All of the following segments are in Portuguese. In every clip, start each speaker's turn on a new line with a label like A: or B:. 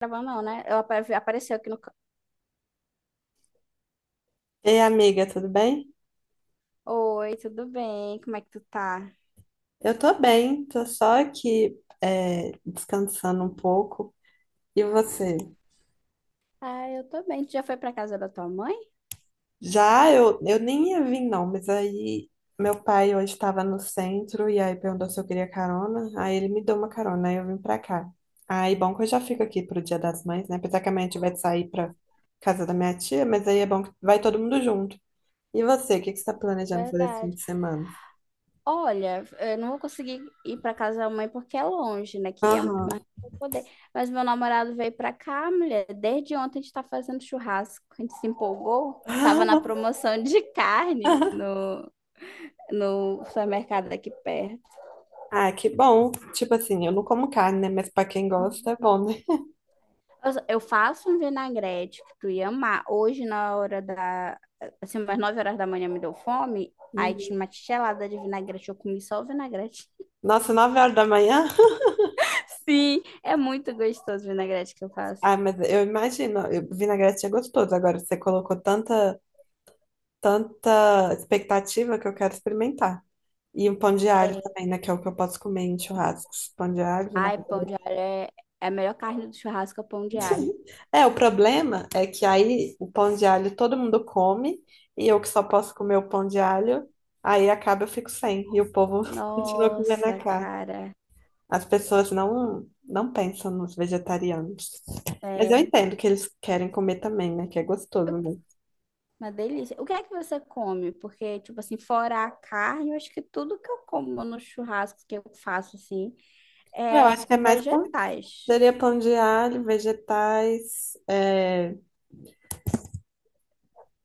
A: Gravando não, né? Ela apareceu aqui no...
B: Ei, amiga, tudo bem?
A: Oi, tudo bem? Como é que tu tá?
B: Eu tô bem, tô só aqui descansando um pouco. E você?
A: Ah, eu tô bem. Tu já foi pra casa da tua mãe?
B: Já eu nem ia vir, não, mas aí meu pai hoje estava no centro e aí perguntou se eu queria carona. Aí ele me deu uma carona, aí eu vim pra cá. Aí bom que eu já fico aqui pro Dia das Mães, né? Apesar que amanhã a gente vai sair pra casa da minha tia, mas aí é bom que vai todo mundo junto. E você, o que que você tá planejando fazer esse fim
A: Verdade.
B: de semana?
A: Olha, eu não vou conseguir ir pra casa da mãe porque é longe, né? Queria muito
B: Aham.
A: mais não poder. Mas meu namorado veio pra cá, mulher. Desde ontem a gente tá fazendo churrasco. A gente se empolgou. Tava na promoção de carne no supermercado daqui perto.
B: Ah, que bom. Tipo assim, eu não como carne, né? Mas pra quem gosta é bom, né?
A: Eu faço um vinagrete que tu ia amar. Hoje, na hora da. Assim, umas 9 horas da manhã me deu fome. Aí
B: Uhum.
A: tinha uma tigelada de vinagrete. Eu comi só o vinagrete.
B: Nossa, 9 horas da manhã?
A: Sim, é muito gostoso o vinagrete que eu faço.
B: Ah, mas eu imagino, eu- vinagrete é gostoso. Agora você colocou tanta expectativa que eu quero experimentar. E um pão de alho
A: É.
B: também, né? Que é o que eu posso comer em churrascos. Pão de alho,
A: Ai, pão
B: vinagrete.
A: de alho é, é a melhor carne do churrasco, é o pão de alho.
B: É, o problema é que aí o pão de alho todo mundo come e eu que só posso comer o pão de alho, aí acaba eu fico sem. E o povo continua comendo a
A: Nossa,
B: carne.
A: cara.
B: As pessoas não pensam nos vegetarianos. Mas eu
A: É.
B: entendo que eles querem comer também, né? Que é gostoso,
A: Eu-
B: né?
A: uma delícia. O que é que você come? Porque, tipo assim, fora a carne, eu acho que tudo que eu como no churrasco que eu faço, assim,
B: Eu
A: é
B: acho que é
A: com
B: mais pão.
A: vegetais.
B: Seria pão de alho, vegetais,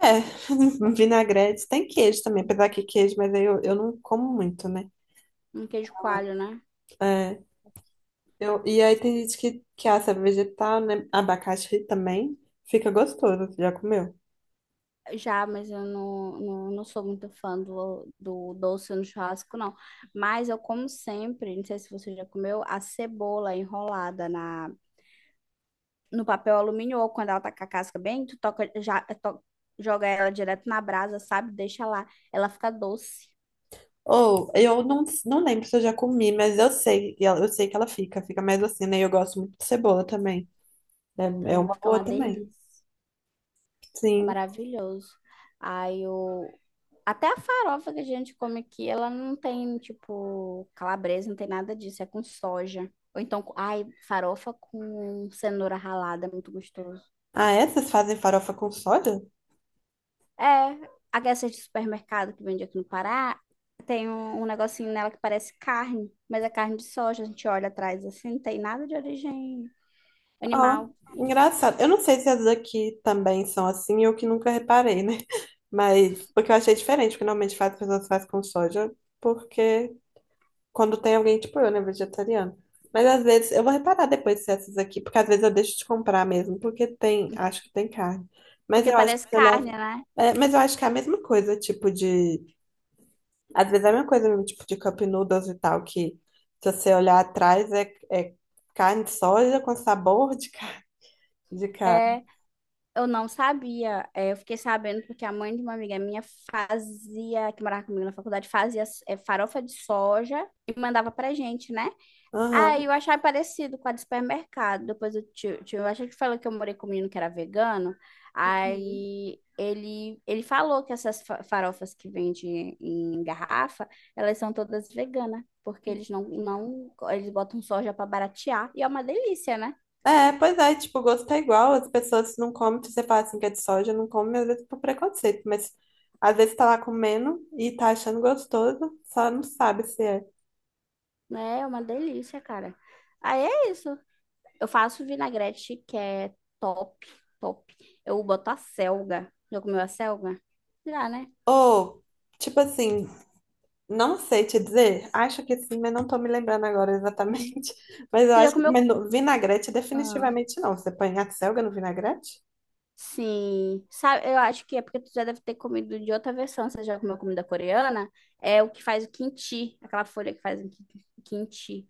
B: vinagrete. Tem queijo também, apesar que queijo, mas aí eu não como muito, né?
A: Um queijo coalho, né?
B: É, eu, e aí tem gente que assa vegetal, né? Abacaxi também. Fica gostoso, você já comeu?
A: Já, mas eu não sou muito fã do, do doce no churrasco, não. Mas eu como sempre, não sei se você já comeu, a cebola enrolada na, no papel alumínio ou quando ela tá com a casca bem, tu toca, já, joga ela direto na brasa, sabe? Deixa lá. Ela fica doce.
B: Ou eu não lembro se eu já comi, mas eu sei, e ela- eu sei que ela fica, fica mais assim, né? E eu gosto muito de cebola também. É, é
A: Também
B: uma
A: fica
B: boa
A: uma
B: também.
A: delícia. Fica
B: Sim.
A: maravilhoso. Aí o. Até a farofa que a gente come aqui, ela não tem, tipo, calabresa, não tem nada disso, é com soja. Ou então, ai, farofa com cenoura ralada, é muito gostoso.
B: Ah, essas fazem farofa com soja?
A: É, a dessas de supermercado que vende aqui no Pará, tem um negocinho nela que parece carne, mas é carne de soja, a gente olha atrás assim, não tem nada de origem
B: Ah,
A: animal,
B: engraçado. Eu não sei se as daqui também são assim, eu que nunca reparei, né? Mas porque eu achei diferente, porque normalmente faz, as pessoas fazem com soja, porque quando tem alguém, tipo eu, né, vegetariano. Mas às vezes, eu vou reparar depois se essas aqui, porque às vezes eu deixo de comprar mesmo, porque tem, acho que tem carne. Mas
A: porque
B: eu acho que,
A: parece
B: se olhar,
A: carne, né?
B: é, mas eu acho que é a mesma coisa, tipo de, às vezes é a mesma coisa, mesmo, tipo de cup noodles e tal, que se você olhar atrás é carne de soja com sabor de carne. De carne.
A: É. Eu não sabia, é, eu fiquei sabendo porque a mãe de uma amiga minha fazia, que morava comigo na faculdade, fazia é, farofa de soja e mandava pra gente, né? Aí eu
B: Aham.
A: achava parecido com a de supermercado. Depois eu, eu achei que falou que eu morei com um menino que era vegano. Aí ele falou que essas farofas que vende em garrafa, elas são todas veganas, porque eles não, não, eles botam soja pra baratear. E é uma delícia, né?
B: É, pois é, tipo, o gosto é igual, as pessoas não comem, se você fala assim que é de soja, não come, às vezes por preconceito, mas às vezes tá lá comendo e tá achando gostoso, só não sabe se é.
A: É uma delícia, cara. Aí é isso. Eu faço vinagrete que é top, top. Eu boto a selga. Já comeu a selga? Já, né?
B: Ou, tipo assim, não sei te dizer, acho que sim, mas não tô me lembrando agora
A: Uhum.
B: exatamente, mas eu
A: Tu já
B: acho que
A: comeu?
B: mas no- vinagrete
A: Ah,
B: definitivamente não, você põe a selga no vinagrete?
A: sim. Sabe, eu acho que é porque tu já deve ter comido de outra versão. Você já comeu comida coreana? É o que faz o kimchi, aquela folha que faz o kimchi.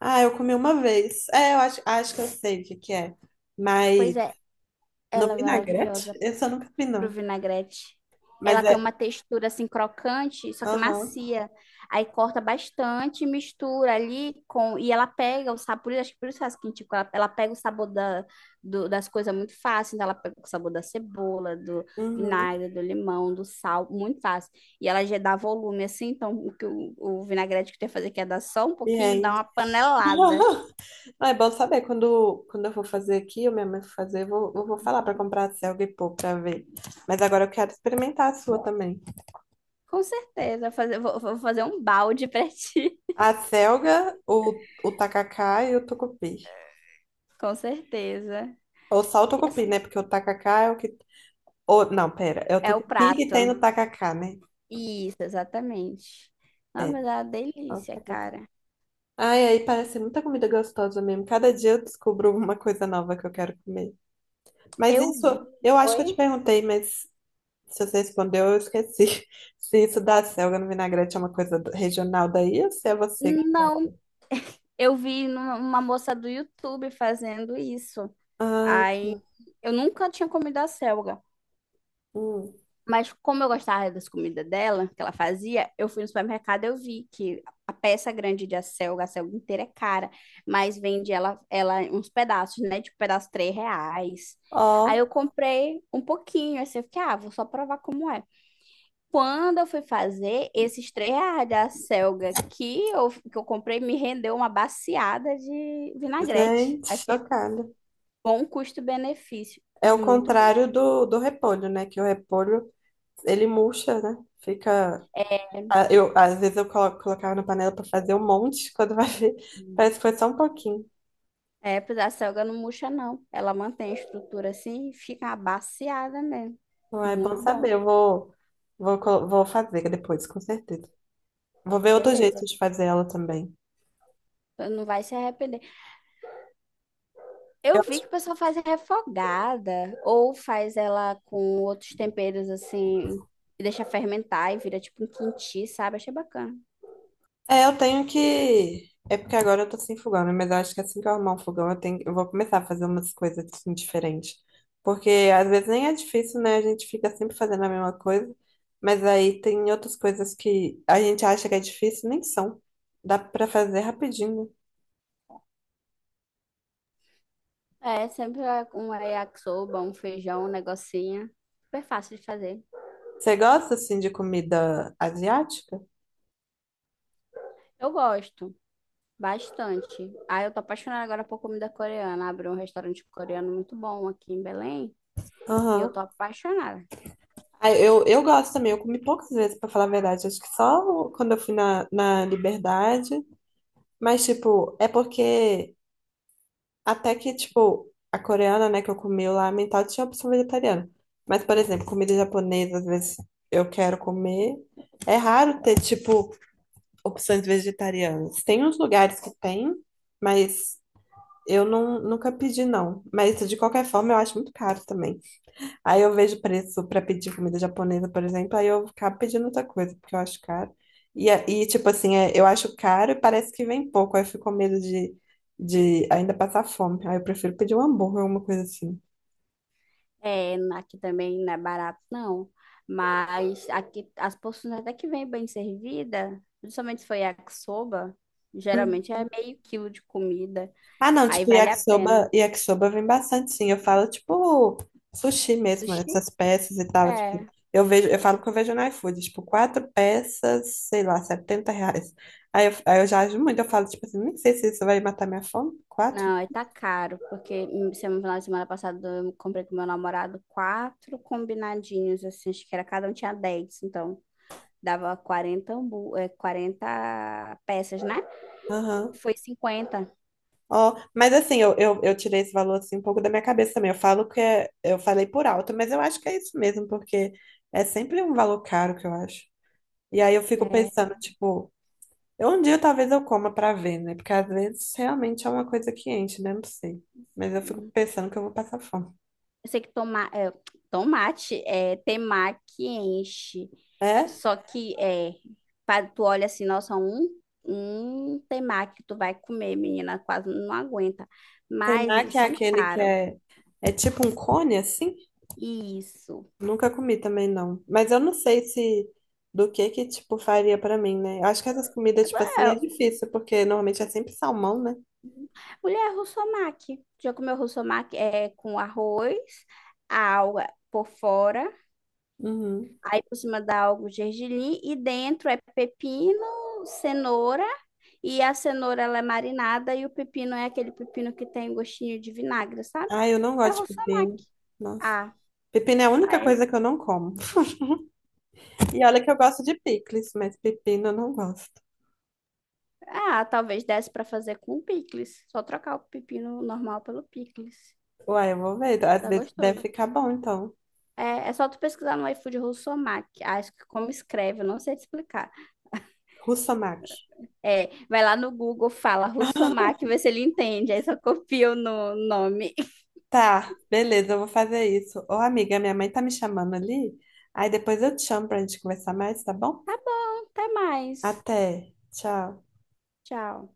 B: Ah, eu comi uma vez, é, eu acho, acho que eu sei o que que é, mas
A: Pois é,
B: no
A: ela é
B: vinagrete?
A: maravilhosa.
B: Esse eu nunca vi
A: Pro
B: não,
A: vinagrete.
B: mas
A: Ela
B: é,
A: tem uma textura assim crocante, só que
B: aham.
A: macia. Aí corta bastante, mistura ali com. E ela pega o sabor, acho que por isso faz quente, ela pega o sabor da, das coisas muito fácil. Então ela pega o sabor da cebola, do
B: Uhum.
A: vinagre, do limão, do sal, muito fácil. E ela já dá volume assim, então o vinagrete que tem que fazer que é dar só um pouquinho, dar uma
B: Entende?
A: panelada.
B: Ah, é bom saber. Quando eu for fazer aqui, eu mesmo vou fazer, eu vou falar para comprar a selga e pôr para ver. Mas agora eu quero experimentar a sua também.
A: Com certeza, fazer, vou fazer um balde pra ti.
B: A selga, o tacacá e o tucupi.
A: Com certeza.
B: Ou só o
A: E
B: tucupi, né?
A: assim,
B: Porque o tacacá é o que. Ou, não, pera. É o
A: é o
B: tucupi que tem
A: prato.
B: no tacacá, né?
A: Isso, exatamente. Ah,
B: É.
A: mas é uma
B: Ó, o
A: delícia,
B: tacacá.
A: cara.
B: Ai, aí parece muita comida gostosa mesmo. Cada dia eu descubro uma coisa nova que eu quero comer. Mas
A: Eu
B: isso,
A: vi.
B: eu acho que eu te
A: Oi?
B: perguntei, mas. Se você respondeu, eu esqueci. Se isso da selga no vinagrete é uma coisa do- regional daí, ou se é você que.
A: Não,
B: Falou?
A: eu vi uma moça do YouTube fazendo isso.
B: Ah,
A: Aí eu nunca tinha comido a selga.
B: hum.
A: Mas como eu gostava das comidas dela, que ela fazia, eu fui no supermercado e eu vi que a peça grande de acelga, a acelga inteira é cara, mas vende ela, ela em uns pedaços, né? Tipo, pedaço R$ 3. Aí
B: Ó,
A: eu comprei um pouquinho, aí eu fiquei, ah, vou só provar como é. Quando eu fui fazer, esses três da Selga que eu comprei me rendeu uma baciada de vinagrete.
B: gente,
A: Aí fiquei
B: chocada.
A: bom custo-benefício
B: É
A: e
B: o
A: muito bom.
B: contrário do repolho, né? Que o repolho, ele murcha, né? Fica. Ah, eu, às vezes eu colo- colocava na panela para fazer um monte, quando vai ver, parece que foi só um pouquinho.
A: É, pois a Selga não murcha, não. Ela mantém a estrutura assim e fica uma baciada mesmo.
B: Então é bom
A: Muito bom.
B: saber, eu vou, vou, colo- vou fazer depois, com certeza. Vou ver outro
A: Beleza.
B: jeito de fazer ela também.
A: Não vai se arrepender. Eu vi que o pessoal faz refogada ou faz ela com outros temperos assim e deixa fermentar e vira tipo um quinti, sabe? Achei bacana.
B: É, eu tenho que. É porque agora eu tô sem fogão, né? Mas eu acho que assim que eu arrumar um fogão, eu tenho... eu vou começar a fazer umas coisas assim, diferentes. Porque às vezes nem é difícil, né? A gente fica sempre fazendo a mesma coisa. Mas aí tem outras coisas que a gente acha que é difícil, nem são. Dá pra fazer rapidinho, né?
A: É, sempre é um yakisoba, um feijão, um negocinho. Super fácil de fazer.
B: Você gosta assim de comida asiática?
A: Eu gosto bastante. Ah, eu tô apaixonada agora por comida coreana. Abriu um restaurante coreano muito bom aqui em Belém e eu tô
B: Aham.
A: apaixonada.
B: Ah, eu gosto também, eu comi poucas vezes, pra falar a verdade. Acho que só quando eu fui na, na Liberdade. Mas, tipo, é porque. Até que, tipo, a coreana, né, que eu comi lá, a mental tinha opção vegetariana. Mas, por exemplo, comida japonesa, às vezes eu quero comer. É raro ter, tipo, opções vegetarianas. Tem uns lugares que tem, mas eu não, nunca pedi, não. Mas de qualquer forma eu acho muito caro também. Aí eu vejo preço para pedir comida japonesa, por exemplo, aí eu acabo pedindo outra coisa, porque eu acho caro. E, a- e tipo assim, é, eu acho caro e parece que vem pouco. Aí eu fico com medo de ainda passar fome. Aí eu prefiro pedir um hambúrguer, alguma coisa assim.
A: É, aqui também não é barato, não. Mas aqui as porções até que vem bem servida, principalmente se for yakisoba, geralmente é meio quilo de comida.
B: Ah, não,
A: Aí
B: tipo,
A: vale a pena.
B: yakisoba, yakisoba vem bastante, sim. Eu falo, tipo, sushi mesmo, né,
A: Sushi?
B: essas peças e tal.
A: É.
B: Tipo, eu vejo, eu falo que eu vejo no iFood, tipo, quatro peças, sei lá, 70 reais. Aí eu já ajo muito, eu falo, tipo assim, nem sei se isso vai matar minha fome. Quatro?
A: Não, aí tá caro, porque no final de semana passada eu comprei com meu namorado quatro combinadinhos, assim, acho que era cada um tinha 10, então dava 40 peças, né?
B: Aham.
A: Foi 50,
B: Ó, mas assim, eu tirei esse valor assim um pouco da minha cabeça também. Eu falo que é, eu falei por alto, mas eu acho que é isso mesmo, porque é sempre um valor caro que eu acho. E aí eu fico
A: né?
B: pensando, tipo. Um dia talvez eu coma pra ver, né? Porque às vezes realmente é uma coisa que enche, né? Não sei. Mas eu fico
A: Hum.
B: pensando que eu vou passar fome.
A: Eu sei que tomate é temaki enche,
B: É?
A: só que é, tu olha assim, nossa, um temaki tu vai comer, menina, quase não aguenta, mas eles
B: Temaki é
A: são
B: aquele que
A: caros.
B: é, é tipo um cone, assim?
A: Isso.
B: Nunca comi também, não. Mas eu não sei se do que, tipo, faria pra mim, né? Eu acho que essas comidas, tipo assim, é
A: É,
B: difícil, porque normalmente é sempre salmão, né?
A: Mulher russomaki. Já comeu russomaki é com arroz, alga por fora,
B: Uhum.
A: aí por cima dá algo gergelim e dentro é pepino, cenoura e a cenoura ela é marinada e o pepino é aquele pepino que tem gostinho de vinagre, sabe?
B: Ah, eu não
A: É
B: gosto de pepino.
A: russomaki.
B: Nossa.
A: Ah,
B: Pepino é a única
A: aí,
B: coisa que eu não como. E olha que eu gosto de picles, mas pepino eu não gosto.
A: ah, talvez desse para fazer com picles. Só trocar o pepino normal pelo picles.
B: Uai, eu vou ver. Às
A: Fica
B: vezes deve
A: gostoso.
B: ficar bom, então.
A: É, é só tu pesquisar no iFood russomaki. Acho que como escreve, eu não sei te explicar.
B: Russomach.
A: É, vai lá no Google, fala Russomach, vê se ele entende. Aí só copia o nome.
B: Tá, beleza, eu vou fazer isso. Ô, amiga, minha mãe tá me chamando ali. Aí depois eu te chamo pra gente conversar mais, tá bom?
A: Tá bom, até mais.
B: Até. Tchau.
A: Tchau.